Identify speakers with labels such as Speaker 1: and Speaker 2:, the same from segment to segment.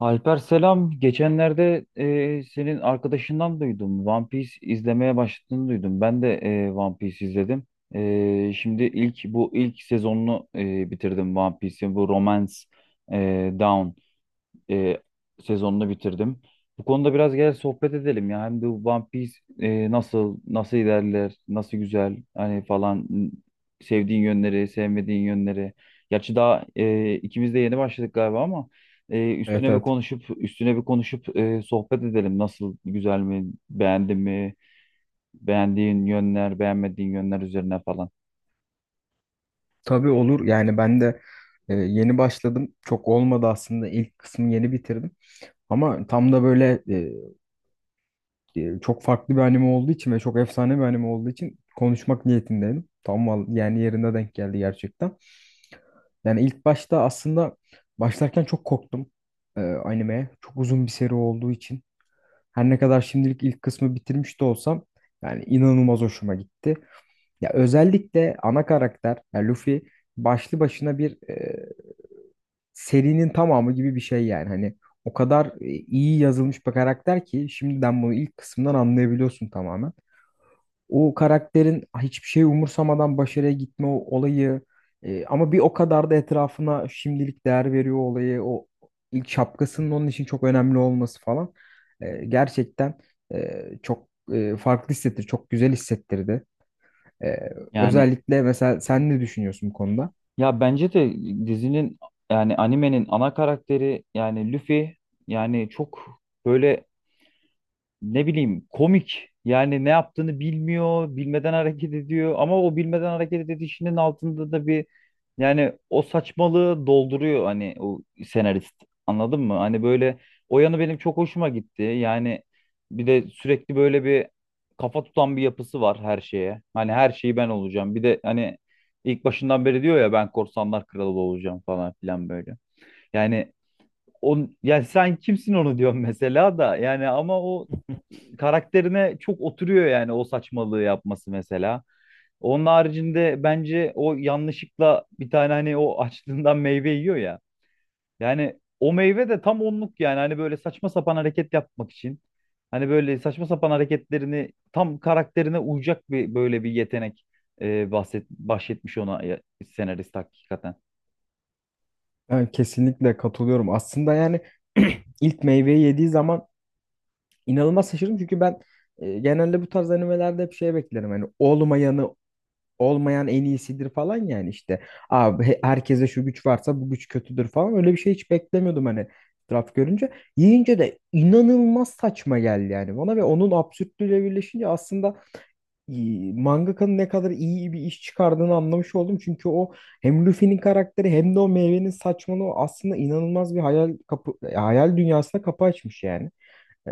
Speaker 1: Alper selam. Geçenlerde senin arkadaşından duydum. One Piece izlemeye başladığını duydum. Ben de One Piece izledim. Şimdi ilk bu ilk sezonunu bitirdim One Piece'in. Bu Romance Down e, sezonunu bitirdim. Bu konuda biraz gel sohbet edelim ya. Hem de bu One Piece nasıl ilerler, nasıl güzel hani falan sevdiğin yönleri, sevmediğin yönleri. Gerçi daha ikimiz de yeni başladık galiba ama
Speaker 2: Evet,
Speaker 1: üstüne bir
Speaker 2: evet.
Speaker 1: konuşup üstüne bir konuşup sohbet edelim. Nasıl güzel mi, beğendin mi, beğendiğin yönler, beğenmediğin yönler üzerine falan.
Speaker 2: Tabii, olur. Yani ben de yeni başladım. Çok olmadı aslında. İlk kısmı yeni bitirdim. Ama tam da böyle çok farklı bir anime olduğu için ve çok efsane bir anime olduğu için konuşmak niyetindeydim. Yani yerine denk geldi gerçekten. Yani ilk başta aslında başlarken çok korktum animeye. Çok uzun bir seri olduğu için. Her ne kadar şimdilik ilk kısmı bitirmiş de olsam yani inanılmaz hoşuma gitti. Ya özellikle ana karakter yani Luffy başlı başına bir serinin tamamı gibi bir şey yani. Hani o kadar iyi yazılmış bir karakter ki şimdiden bunu ilk kısımdan anlayabiliyorsun tamamen. O karakterin hiçbir şey umursamadan başarıya gitme o olayı, ama bir o kadar da etrafına şimdilik değer veriyor olayı. O ilk şapkasının onun için çok önemli olması falan. Gerçekten çok çok güzel hissettirdi. Ee,
Speaker 1: Yani
Speaker 2: Özellikle mesela sen ne düşünüyorsun bu konuda?
Speaker 1: ya bence de dizinin, yani animenin ana karakteri, yani Luffy, yani çok böyle ne bileyim komik. Yani ne yaptığını bilmiyor, bilmeden hareket ediyor ama o bilmeden hareket edişinin altında da bir, yani o saçmalığı dolduruyor hani o senarist. Anladın mı? Hani böyle o yanı benim çok hoşuma gitti. Yani bir de sürekli böyle bir kafa tutan bir yapısı var her şeye. Hani her şeyi ben olacağım. Bir de hani ilk başından beri diyor ya ben korsanlar kralı olacağım falan filan böyle. Yani on, yani sen kimsin onu diyorum mesela da, yani ama o karakterine çok oturuyor, yani o saçmalığı yapması mesela. Onun haricinde bence o yanlışlıkla bir tane hani o açlığından meyve yiyor ya. Yani o meyve de tam onluk, yani hani böyle saçma sapan hareket yapmak için. Hani böyle saçma sapan hareketlerini tam karakterine uyacak bir böyle bir yetenek bahsetmiş ona ya- senarist hakikaten.
Speaker 2: Ben kesinlikle katılıyorum. Aslında yani ilk meyveyi yediği zaman inanılmaz şaşırdım. Çünkü ben genelde bu tarz animelerde hep şey beklerim. Hani olmayanı en iyisidir falan yani işte. Abi herkese şu güç varsa bu güç kötüdür falan. Öyle bir şey hiç beklemiyordum hani etraf görünce. Yiyince de inanılmaz saçma geldi yani bana ve onun absürtlüğüyle birleşince aslında mangakanın ne kadar iyi bir iş çıkardığını anlamış oldum. Çünkü o hem Luffy'nin karakteri hem de o meyvenin saçmalığı aslında inanılmaz bir hayal dünyasına kapı açmış yani. Ee,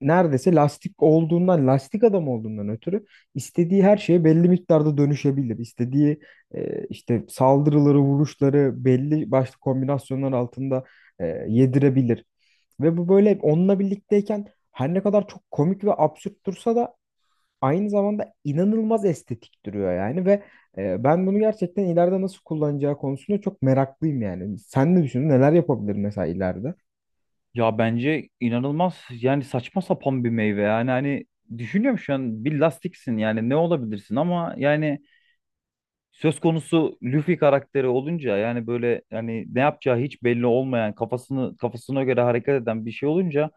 Speaker 2: Neredeyse lastik adam olduğundan ötürü istediği her şeye belli miktarda dönüşebilir. İstediği işte saldırıları, vuruşları belli başlı kombinasyonlar altında yedirebilir. Ve bu böyle onunla birlikteyken her ne kadar çok komik ve absürt dursa da aynı zamanda inanılmaz estetik duruyor yani. Ve ben bunu gerçekten ileride nasıl kullanacağı konusunda çok meraklıyım yani. Sen ne düşünüyorsun? Neler yapabilir mesela ileride?
Speaker 1: Ya bence inanılmaz, yani saçma sapan bir meyve, yani hani düşünüyorum şu an bir lastiksin yani ne olabilirsin ama yani söz konusu Luffy karakteri olunca yani böyle yani ne yapacağı hiç belli olmayan kafasını kafasına göre hareket eden bir şey olunca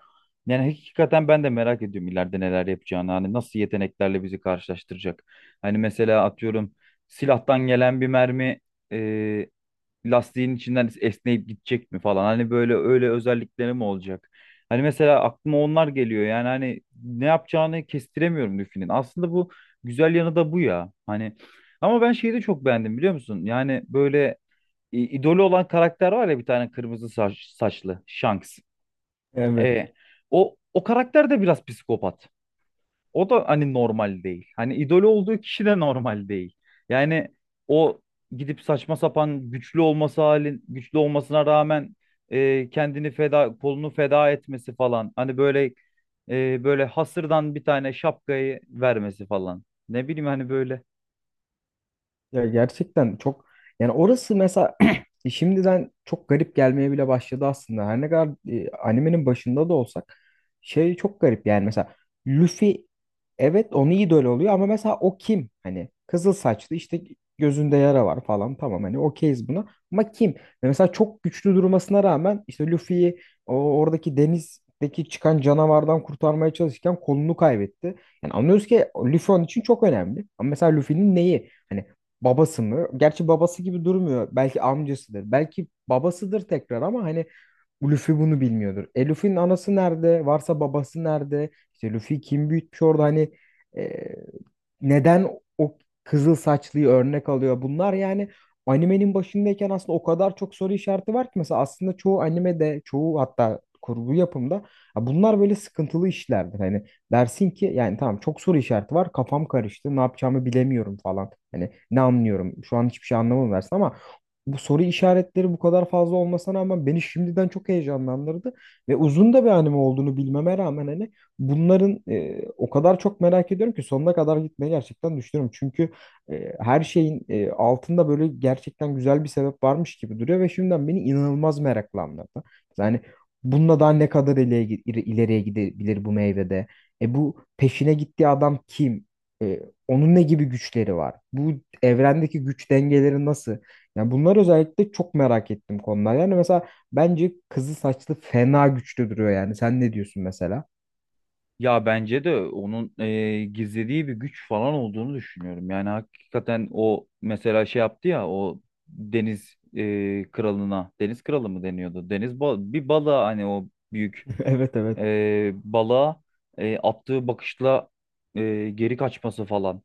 Speaker 1: yani hakikaten ben de merak ediyorum ileride neler yapacağını, hani nasıl yeteneklerle bizi karşılaştıracak. Hani mesela atıyorum silahtan gelen bir mermi lastiğin içinden esneyip gidecek mi falan. Hani böyle öyle özellikleri mi olacak? Hani mesela aklıma onlar geliyor. Yani hani ne yapacağını kestiremiyorum Luffy'nin. Aslında bu güzel yanı da bu ya. Hani ama ben şeyi de çok beğendim, biliyor musun? Yani böyle idolü olan karakter var ya, bir tane kırmızı saçlı Shanks.
Speaker 2: Evet.
Speaker 1: E, o karakter de biraz psikopat. O da hani normal değil. Hani idol olduğu kişi de normal değil. Yani o gidip saçma sapan güçlü olması halin güçlü olmasına rağmen e, kendini feda kolunu feda etmesi falan. Hani böyle böyle hasırdan bir tane şapkayı vermesi falan. Ne bileyim hani böyle.
Speaker 2: Ya gerçekten çok, yani orası mesela şimdiden çok garip gelmeye bile başladı aslında. Her ne kadar animenin başında da olsak şey çok garip yani. Mesela Luffy, evet, onu idol oluyor ama mesela o kim? Hani kızıl saçlı, işte gözünde yara var falan, tamam, hani okeyiz buna, ama kim? Ve mesela çok güçlü durmasına rağmen işte Luffy'yi o oradaki denizdeki çıkan canavardan kurtarmaya çalışırken kolunu kaybetti. Yani anlıyoruz ki Luffy onun için çok önemli. Ama mesela Luffy'nin neyi? Hani babası mı? Gerçi babası gibi durmuyor. Belki amcasıdır. Belki babasıdır tekrar ama hani Luffy bunu bilmiyordur. E Luffy'nin anası nerede? Varsa babası nerede? İşte Luffy kim büyütmüş orada, hani e, neden o kızıl saçlıyı örnek alıyor? Bunlar yani animenin başındayken aslında o kadar çok soru işareti var ki. Mesela aslında çoğu animede, çoğu hatta kurgu yapımda ya bunlar böyle sıkıntılı işlerdir. Hani dersin ki yani tamam çok soru işareti var, kafam karıştı, ne yapacağımı bilemiyorum falan. Hani ne anlıyorum şu an, hiçbir şey anlamadım dersin ama bu soru işaretleri bu kadar fazla olmasına rağmen beni şimdiden çok heyecanlandırdı. Ve uzun da bir anime olduğunu bilmeme rağmen hani bunların o kadar çok merak ediyorum ki sonuna kadar gitmeyi gerçekten düşünüyorum. Çünkü her şeyin altında böyle gerçekten güzel bir sebep varmış gibi duruyor ve şimdiden beni inanılmaz meraklandırdı. Yani bununla daha ne kadar ileriye gidebilir bu meyvede? E bu peşine gittiği adam kim? E, Onun ne gibi güçleri var? Bu evrendeki güç dengeleri nasıl? Yani bunlar özellikle çok merak ettim konular. Yani mesela bence kızıl saçlı fena güçlü duruyor yani. Sen ne diyorsun mesela?
Speaker 1: Ya bence de onun gizlediği bir güç falan olduğunu düşünüyorum. Yani hakikaten o mesela şey yaptı ya o deniz kralına, deniz kralı mı deniyordu? Deniz bal bir balığa, hani o büyük
Speaker 2: Evet, evet.
Speaker 1: balığa attığı bakışla geri kaçması falan.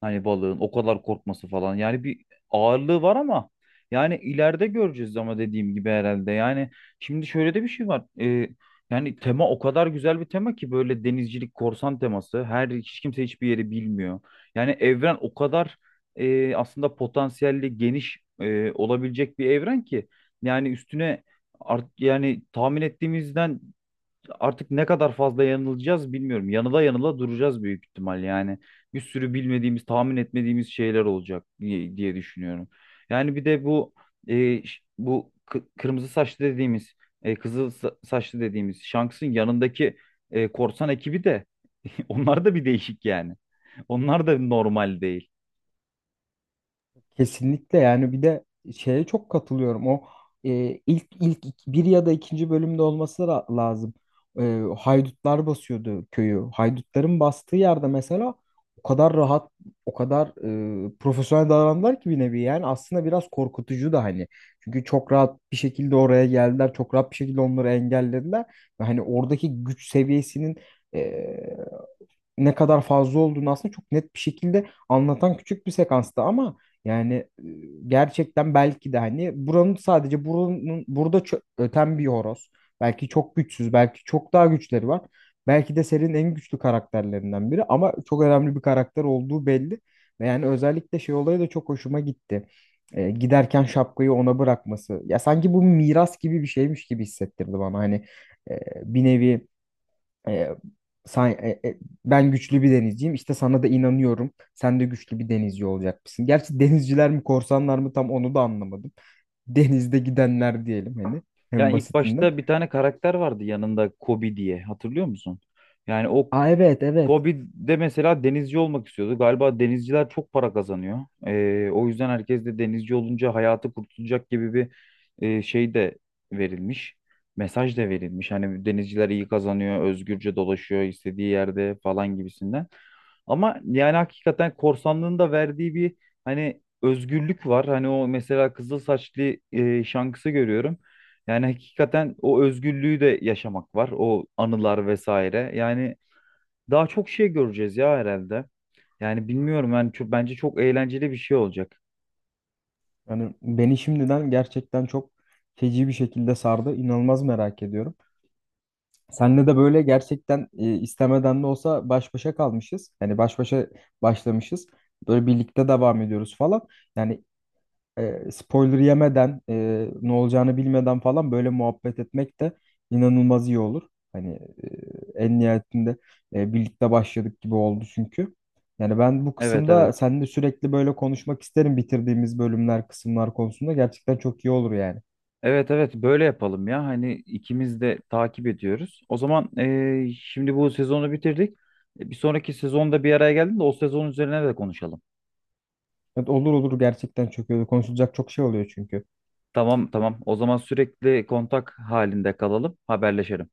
Speaker 1: Hani balığın o kadar korkması falan. Yani bir ağırlığı var ama yani ileride göreceğiz ama dediğim gibi herhalde. Yani şimdi şöyle de bir şey var. Yani tema o kadar güzel bir tema ki böyle denizcilik, korsan teması. Her hiç kimse hiçbir yeri bilmiyor. Yani evren o kadar aslında potansiyelli geniş olabilecek bir evren ki yani üstüne yani tahmin ettiğimizden artık ne kadar fazla yanılacağız bilmiyorum. Yanıla yanıla duracağız büyük ihtimal yani. Bir sürü bilmediğimiz, tahmin etmediğimiz şeyler olacak diye düşünüyorum. Yani bir de bu kırmızı saçlı dediğimiz, saçlı dediğimiz Shanks'ın yanındaki korsan ekibi de onlar da bir değişik yani. Onlar da normal değil.
Speaker 2: Kesinlikle. Yani bir de şeye çok katılıyorum. O e, bir ya da ikinci bölümde olması lazım. Haydutlar basıyordu köyü. Haydutların bastığı yerde mesela o kadar rahat, o kadar profesyonel davrandılar ki bir nevi. Yani aslında biraz korkutucu da hani. Çünkü çok rahat bir şekilde oraya geldiler. Çok rahat bir şekilde onları engellediler. Ve hani oradaki güç seviyesinin e, ne kadar fazla olduğunu aslında çok net bir şekilde anlatan küçük bir sekansta. Ama yani gerçekten belki de hani buranın burada öten bir horoz. Belki çok güçsüz, belki çok daha güçleri var. Belki de serinin en güçlü karakterlerinden biri ama çok önemli bir karakter olduğu belli. Ve yani özellikle şey olayı da çok hoşuma gitti. Giderken şapkayı ona bırakması. Ya sanki bu miras gibi bir şeymiş gibi hissettirdi bana. Hani bir nevi e, sen, e, e, ben güçlü bir denizciyim. İşte sana da inanıyorum. Sen de güçlü bir denizci olacakmışsın. Gerçi denizciler mi korsanlar mı tam onu da anlamadım. Denizde gidenler diyelim hani, en
Speaker 1: Yani ilk
Speaker 2: basitinden.
Speaker 1: başta bir tane karakter vardı yanında Kobe diye, hatırlıyor musun? Yani o
Speaker 2: Aa, evet, evet.
Speaker 1: Kobe'de mesela denizci olmak istiyordu. Galiba denizciler çok para kazanıyor. O yüzden herkes de denizci olunca hayatı kurtulacak gibi bir şey de verilmiş. Mesaj da verilmiş. Hani denizciler iyi kazanıyor, özgürce dolaşıyor istediği yerde falan gibisinden. Ama yani hakikaten korsanlığın da verdiği bir hani özgürlük var. Hani o mesela kızıl saçlı şankısı görüyorum. Yani hakikaten o özgürlüğü de yaşamak var. O anılar vesaire. Yani daha çok şey göreceğiz ya herhalde. Yani bilmiyorum yani çok, bence çok eğlenceli bir şey olacak.
Speaker 2: Yani beni şimdiden gerçekten çok feci bir şekilde sardı. İnanılmaz merak ediyorum. Seninle de böyle gerçekten istemeden de olsa baş başa kalmışız. Yani başlamışız. Böyle birlikte devam ediyoruz falan. Yani spoiler yemeden ne olacağını bilmeden falan böyle muhabbet etmek de inanılmaz iyi olur. Hani en nihayetinde birlikte başladık gibi oldu çünkü. Yani ben bu
Speaker 1: Evet, evet.
Speaker 2: kısımda seninle sürekli böyle konuşmak isterim. Bitirdiğimiz bölümler, kısımlar konusunda gerçekten çok iyi olur yani.
Speaker 1: Evet, evet, böyle yapalım ya. Hani ikimiz de takip ediyoruz. O zaman şimdi bu sezonu bitirdik. E, bir sonraki sezonda bir araya geldim de o sezon üzerine de konuşalım.
Speaker 2: Evet, olur, olur, gerçekten çok iyi olur. Konuşulacak çok şey oluyor çünkü.
Speaker 1: Tamam, tamam. O zaman sürekli kontak halinde kalalım. Haberleşelim.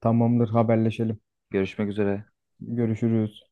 Speaker 2: Tamamdır, haberleşelim.
Speaker 1: Görüşmek üzere.
Speaker 2: Görüşürüz.